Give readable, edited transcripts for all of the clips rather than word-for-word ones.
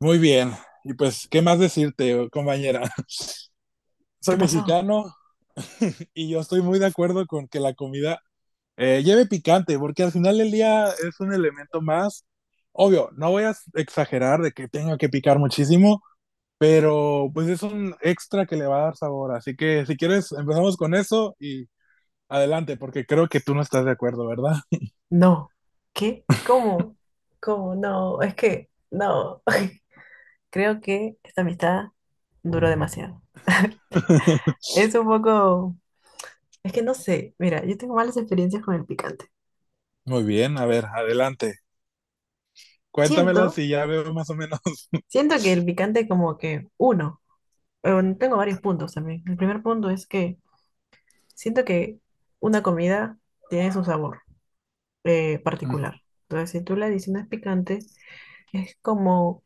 Muy bien. Y pues, ¿qué más decirte, compañera? ¿Qué Soy pasó? mexicano y yo estoy muy de acuerdo con que la comida lleve picante, porque al final del día es un elemento más. Obvio, no voy a exagerar de que tenga que picar muchísimo, pero pues es un extra que le va a dar sabor. Así que si quieres, empezamos con eso y adelante, porque creo que tú no estás de acuerdo, ¿verdad? No. ¿Qué? ¿Cómo? ¿Cómo? No, es que no. Creo que esta amistad duró demasiado. Es un poco, es que no sé, mira, yo tengo malas experiencias con el picante. Muy bien, a ver, adelante. Cuéntamela Siento, si ya veo más o menos. siento que el picante como que uno, tengo varios puntos también. El primer punto es que siento que una comida tiene su sabor Mm, particular. Entonces, si tú le adicionas picante, es como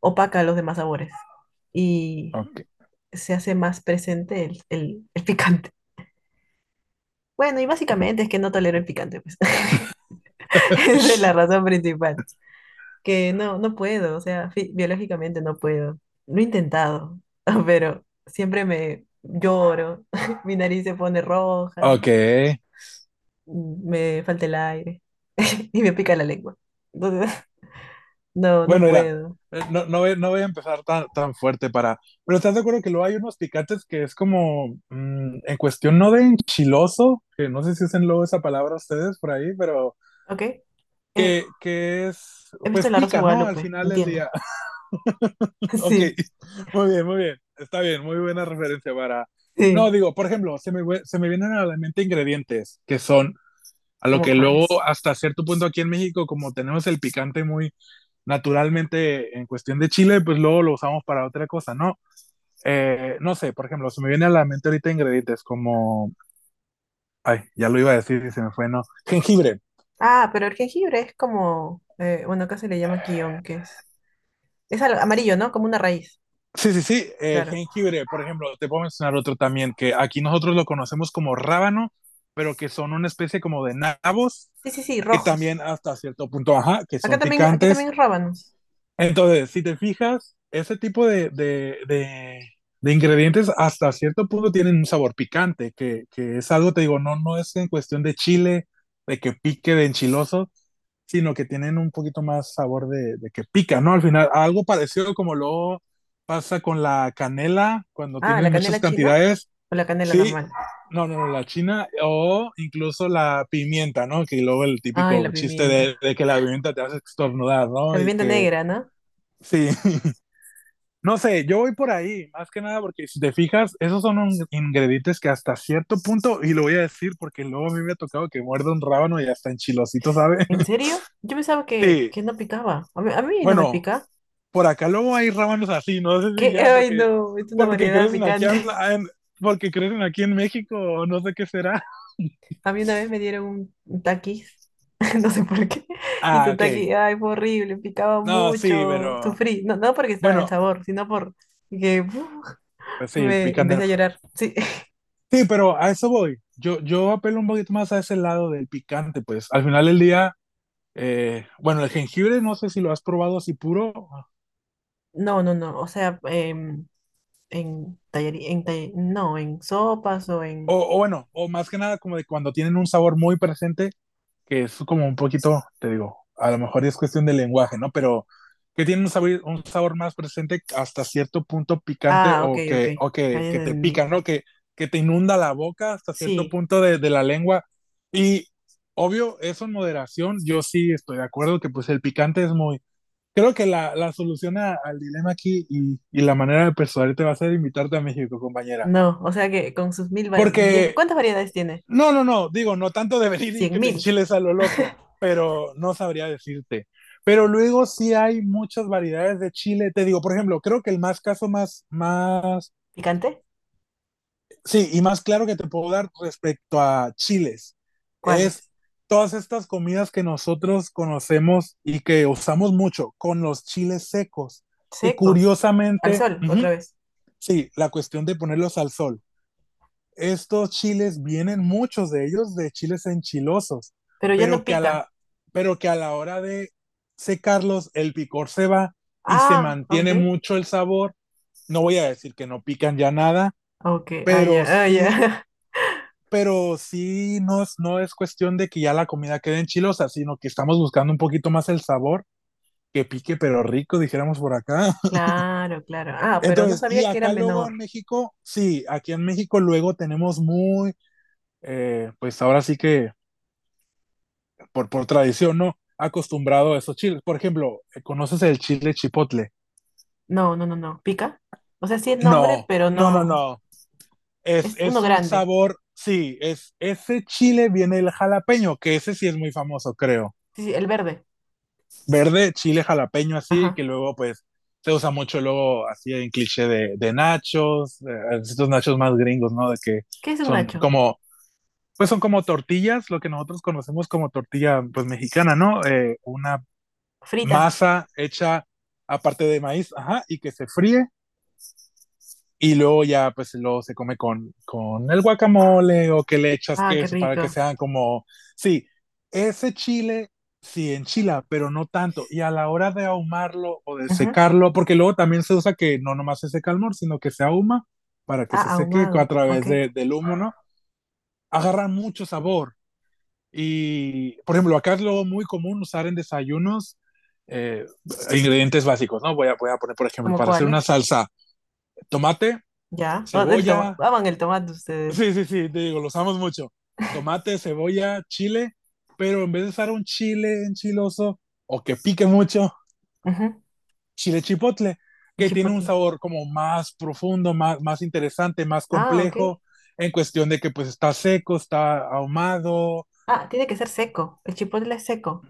opaca los demás sabores y Ok. se hace más presente el picante. Bueno, y básicamente es que no tolero el picante, pues. Esa es la razón principal. Que no, no puedo, o sea, biológicamente no puedo. Lo he intentado, pero siempre me lloro, mi nariz se pone roja, Ok. me falta el aire y me pica la lengua. Entonces, no, no Bueno, mira, puedo. No voy a empezar tan fuerte para... Pero estás de acuerdo que luego hay unos picantes que es como, en cuestión no de enchiloso, que no sé si usen luego esa palabra ustedes por ahí, pero ¿Ok? Que es, He visto pues La Rosa de pica, ¿no? Al Guadalupe, final del entiendo. día. Ok, Sí, muy bien, muy bien. Está bien, muy buena referencia para... sí. No, digo, por ejemplo, se me vienen a la mente ingredientes que son a lo ¿Cómo que luego cuáles? hasta cierto punto aquí en México, como tenemos el picante muy naturalmente en cuestión de chile, pues luego lo usamos para otra cosa, ¿no? No sé, por ejemplo, se me viene a la mente ahorita ingredientes como, ay, ya lo iba a decir y se me fue, no, jengibre. Ah, pero el jengibre es como, bueno, acá se le llama quillón, que es amarillo, ¿no? Como una raíz, Sí, sí, sí, claro. jengibre, por ejemplo, te puedo mencionar otro también, que aquí nosotros lo conocemos como rábano, pero que son una especie como de nabos, Sí, sí, sí, que rojos. también hasta cierto punto, ajá, que son Acá también picantes. es rábanos. Entonces, si te fijas, ese tipo de de ingredientes hasta cierto punto tienen un sabor picante, que es algo, te digo, no, no es en cuestión de chile, de que pique, de enchiloso, sino que tienen un poquito más sabor de que pica, ¿no? Al final, algo parecido como lo pasa con la canela, cuando Ah, la tienes muchas canela china cantidades, o la canela sí, normal. No, la china o incluso la pimienta, ¿no? Que luego el Ay, la típico chiste pimienta. De que la pimienta te hace estornudar, ¿no? La Y pimienta que negra, ¿no? sí, no sé, yo voy por ahí, más que nada porque si te fijas, esos son ingredientes que hasta cierto punto, y lo voy a decir porque luego a mí me ha tocado que muerde un rábano y hasta enchilosito, ¿sabe? ¿En serio? Yo pensaba que, Sí, que no picaba. A mí no me bueno, pica. por acá luego hay rábanos así, no sé si ¿Qué? ya Ay, porque, no, es una porque variedad crecen aquí, picante. Porque crecen aquí en México o no sé qué será. A mí una vez me dieron un taquis, no sé por qué, y Ah, su ok. taquis, ay, fue horrible, picaba No, sí, mucho, pero sufrí, no, no porque estaba el bueno, sabor, sino por que pues sí, el me picante no. empecé a llorar. Sí, Sí, pero a eso voy. Yo apelo un poquito más a ese lado del picante, pues al final del día bueno, el jengibre no sé si lo has probado así puro, no, no, no, o sea, en tallería, no, en sopas o en. O bueno, o más que nada como de cuando tienen un sabor muy presente, que es como un poquito, te digo, a lo mejor es cuestión de lenguaje, ¿no? Pero que tienen un sabor más presente hasta cierto punto picante Ah, ok, o ok. que, o que, Ahí que te entendí. pica, ¿no? Que te inunda la boca hasta cierto Sí, punto de la lengua. Y obvio, eso en moderación, yo sí estoy de acuerdo que pues el picante es muy, creo que la solución al dilema aquí y la manera de persuadirte va a ser invitarte a México, compañera. no, o sea que con sus mil. Porque, ¿Cuántas variedades tiene? No, digo, no tanto de venir y ¿Cien que te mil? enchiles a lo loco, pero no sabría decirte. Pero luego sí hay muchas variedades de chile. Te digo, por ejemplo, creo que el más más, ¿Picante? sí, y más claro que te puedo dar respecto a chiles es ¿Cuáles? todas estas comidas que nosotros conocemos y que usamos mucho con los chiles secos que Secos. Al curiosamente, sol, ujú, otra vez. sí, la cuestión de ponerlos al sol. Estos chiles vienen, muchos de ellos, de chiles enchilosos, Pero ya no pero que a pica. la, pero que a la hora de secarlos, el picor se va y se Ah, ok. mantiene mucho el sabor. No voy a decir que no pican ya nada, Ok, ah, ya, pero ah, ya. sí, pero sí no es, no es cuestión de que ya la comida quede enchilosa, sino que estamos buscando un poquito más el sabor, que pique pero rico, dijéramos por acá. Claro, claro. Ah, pero no Entonces, y sabía que era acá luego menor. en México, sí, aquí en México luego tenemos muy, pues ahora sí que por tradición, ¿no? Acostumbrado a esos chiles. Por ejemplo, ¿conoces el chile chipotle? No, no, no, no. ¿Pica? O sea, sí es nombre, No, pero no, no, no. no. Es uno Es un grande. sabor, sí, es ese chile viene el jalapeño, que ese sí es muy famoso, creo. Sí, sí, el verde. Verde, chile jalapeño así, que Ajá. luego pues se usa mucho luego así en cliché de nachos, de, estos nachos más gringos, ¿no? De que ¿Qué es un son nacho? como pues son como tortillas, lo que nosotros conocemos como tortilla pues mexicana, ¿no? Una Fritas. masa hecha aparte de maíz, ajá, y que se fríe y luego ya pues luego se come con el guacamole o que le echas Ah, qué queso para que rico. sean como, sí, ese chile sí enchila, pero no tanto. Y a la hora de ahumarlo o de Ujú. secarlo, porque luego también se usa que no nomás se seca el mor, sino que se ahuma para que Ah, se seque a ahumado. través Ok. Del humo, ¿no? Agarra mucho sabor. Y, por ejemplo, acá es lo muy común usar en desayunos eh, ingredientes básicos, ¿no? Voy a poner, por ejemplo, ¿Cómo para hacer una cuáles? salsa, tomate, Ya. Oh, cebolla, aman el tomate ustedes. sí, sí, sí, te digo, lo usamos mucho, tomate, cebolla, chile, pero en vez de usar un chile enchiloso o que pique mucho, Ujú. chile chipotle, El que tiene un chipotle. sabor como más profundo, más interesante, más Ah, ok. complejo, en cuestión de que pues está seco, está ahumado. Ah, tiene que ser seco. El chipotle es seco.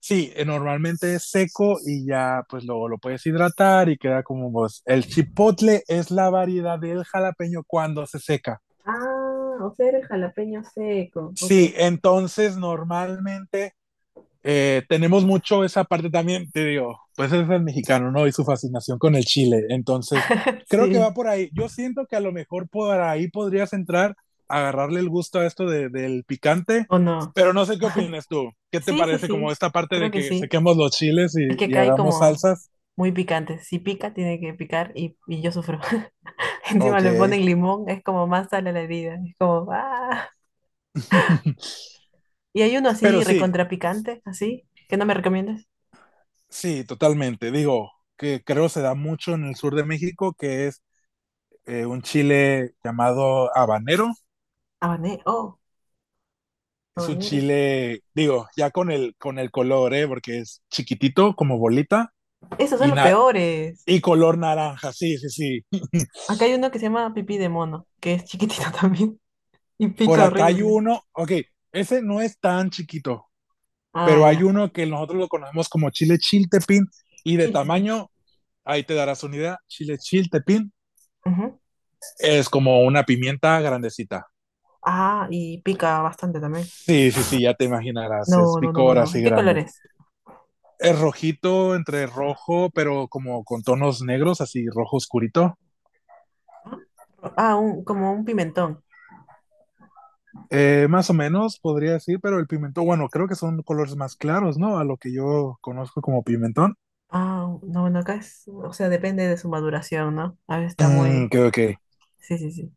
Sí, normalmente es seco y ya pues luego lo puedes hidratar y queda como vos. El chipotle es la variedad del jalapeño cuando se seca. Ah, o sea, era el jalapeño seco. Ok. Sí, entonces normalmente tenemos mucho esa parte también, te digo, pues es el mexicano, ¿no? Y su fascinación con el chile. Entonces, creo que Sí. va por ahí. Yo siento que a lo mejor por ahí podrías entrar, agarrarle el gusto a esto del picante, ¿O no? pero no sé qué opinas tú. ¿Qué te Sí, sí, parece como sí. esta parte Creo de que que sí. sequemos los chiles Es que y acá hay hagamos como salsas? muy picante. Si pica, tiene que picar y yo sufro. Encima Ok. le ponen limón. Es como más sal a la herida. Es como ¡ah! Y hay uno Pero así sí, recontrapicante, así, que no me recomiendas. sí, totalmente. Digo, que creo se da mucho en el sur de México, que es un chile llamado habanero. Habanero. Oh, Es un habanero. chile, digo, ya con el color, ¿eh? Porque es chiquitito, como bolita, Esos son y, los na peores. y color naranja, sí, sí, sí. Acá hay uno que se llama pipí de mono, que es chiquitito también y Por pica acá hay horrible. uno, ok, ese no es tan chiquito, Ah, pero hay ya. uno que nosotros lo conocemos como chile chiltepín, y de Chiltepín. tamaño, ahí te darás una idea, chile chiltepín. Ujú. Es como una pimienta grandecita. Ah, y pica bastante también. Sí, sí, sí, ya te imaginarás, es No, no, no, no, picor no. así ¿Y qué color grande. es? Es rojito entre rojo, pero como con tonos negros, así rojo oscurito. Ah, ah, como un pimentón. Más o menos podría decir, pero el pimentón, bueno, creo que son colores más claros, ¿no? A lo que yo conozco como pimentón. Ah, no, bueno, acá es, o sea, depende de su maduración, ¿no? A veces está Mm, muy. creo que. Sí, sí, sí.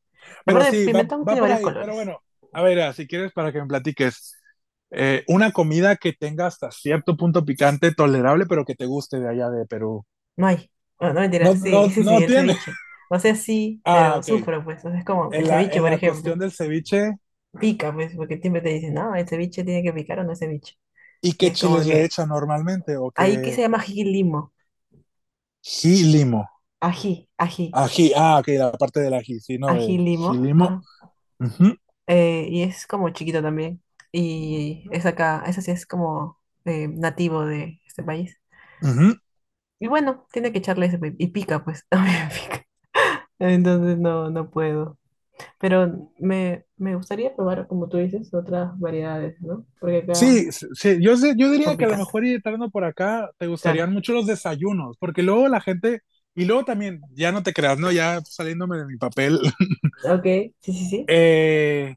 La Pero parte del sí, va, pimentón va tiene por varios ahí. Pero colores. bueno, a ver, ah, si quieres, para que me platiques. Una comida que tenga hasta cierto punto picante, tolerable, pero que te guste de allá de Perú. No hay. Bueno, no No, mentira, sí, no, sí, sí, no el tiene. ceviche. O sea, sí, Ah, pero ok. sufro, pues. O sea, es como el ceviche, En por la ejemplo. cuestión del ceviche, Pica, pues, porque siempre te dicen, no, el ceviche tiene que picar o no es ceviche. ¿y Y qué es como chiles le que, echan normalmente? ¿O ahí que qué? se llama ají limo. Ají limo. Ají, ají, Ají. Ah, ok, la parte del ají, sí, ¿no? ají De limo. jilimo. Ajá. Ujú, Y es como chiquito también. Y es acá, eso sí es como nativo de este país. ujú. Y bueno, tiene que echarle ese, y pica, pues, también pica. Entonces no, no puedo. Pero me gustaría probar, como tú dices, otras variedades, ¿no? Porque acá Sí, yo son diría que a lo picantes. mejor ir entrando por acá te Claro. gustarían mucho los desayunos, porque luego la gente, y luego también, ya no te creas, ¿no? Ya saliéndome de mi papel, Ok, sí, sí, sí. eh,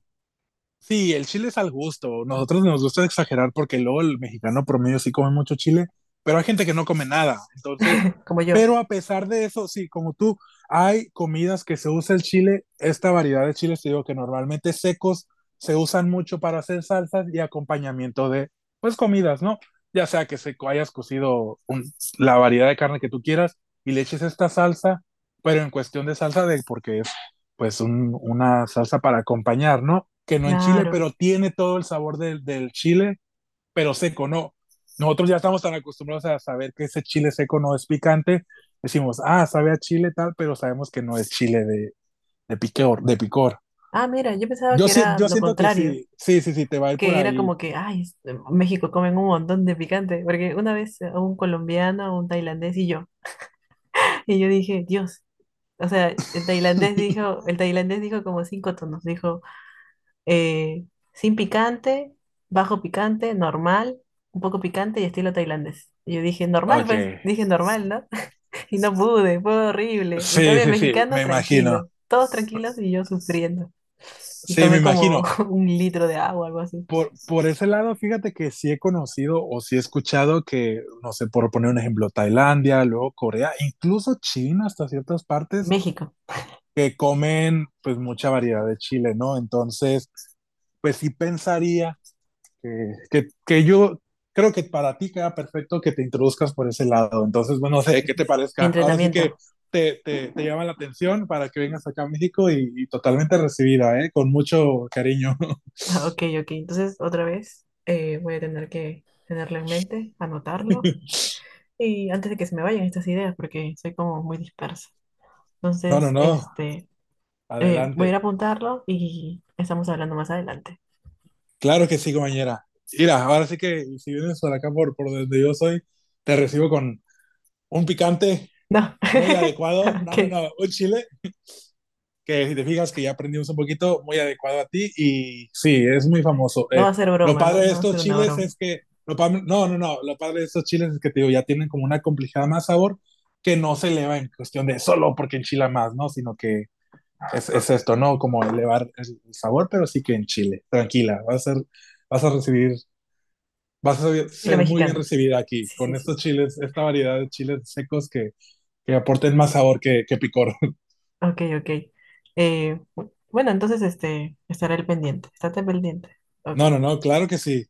sí, el chile es al gusto. Nosotros nos gusta exagerar porque luego el mexicano promedio sí come mucho chile, pero hay gente que no come nada. Entonces, Como yo. pero a pesar de eso, sí, como tú, hay comidas que se usa el chile, esta variedad de chiles, te digo que normalmente secos se usan mucho para hacer salsas y acompañamiento de, pues, comidas, ¿no? Ya sea que hayas cocido la variedad de carne que tú quieras y le eches esta salsa, pero en cuestión de salsa, de porque pues una salsa para acompañar, ¿no? Que no en Chile, Claro. pero tiene todo el sabor del chile, pero seco, ¿no? Nosotros ya estamos tan acostumbrados a saber que ese chile seco no es picante. Decimos, ah, sabe a chile tal, pero sabemos que no es chile de picor, de picor. Ah, mira, yo pensaba Yo, que si- era yo lo siento que contrario. sí, sí, sí, sí, te va a ir por Que era ahí. como que, ay, en México comen un montón de picante. Porque una vez a un colombiano, un tailandés y yo. Y yo dije, Dios. O sea, el tailandés dijo como cinco tonos. Dijo. eh, sin picante, bajo picante, normal, un poco picante y estilo tailandés. Y yo dije, normal, Ok. pues, dije normal, ¿no? Y no pude, fue horrible. En Sí, cambio, el sí, sí, mexicano, me imagino. tranquilo, todos tranquilos y yo sufriendo. Y Sí, me tomé como imagino. un litro de agua, algo así. Por ese lado, fíjate que sí he conocido o sí he escuchado que, no sé, por poner un ejemplo, Tailandia, luego Corea, incluso China hasta ciertas partes México, que comen pues mucha variedad de chile, ¿no? Entonces, pues sí pensaría que yo creo que para ti queda perfecto que te introduzcas por ese lado. Entonces, bueno, no sé sí, qué sí, te sí. Mi parezca. Ahora sí que entrenamiento. Te llama la atención para que vengas acá a México y totalmente recibida, ¿eh? Con mucho cariño. Ah, ok, ok. Entonces, otra vez, voy a tener que tenerlo en mente, anotarlo. Y antes de que se me vayan estas ideas, porque soy como muy dispersa. No, no, Entonces, no. este. Voy a ir a Adelante. apuntarlo y estamos hablando más adelante. Claro que sí, compañera. Mira, ahora sí que si vienes por acá, por donde yo soy, te recibo con un picante No, muy adecuado. No, no, ok. no, un chile que si te fijas que ya aprendimos un poquito, muy adecuado a ti y sí, es muy famoso. No va a ser Lo broma, ¿no? padre de No va a estos ser una chiles broma. es que, lo pa- no, no, no, lo padre de estos chiles es que te digo, ya tienen como una complejidad más sabor que no se eleva en cuestión de solo porque enchila más, ¿no? Sino que es esto, ¿no? Como elevar el sabor, pero sí que en chile. Tranquila, vas a recibir, vas a Estilo ser muy bien mexicano. recibida aquí Sí, con sí, sí. estos chiles, esta variedad de chiles secos que aporten más sabor que picor. Ok, ok. Bueno, entonces este, estaré al pendiente. Estate pendiente. Ok. No, no, no, claro que sí.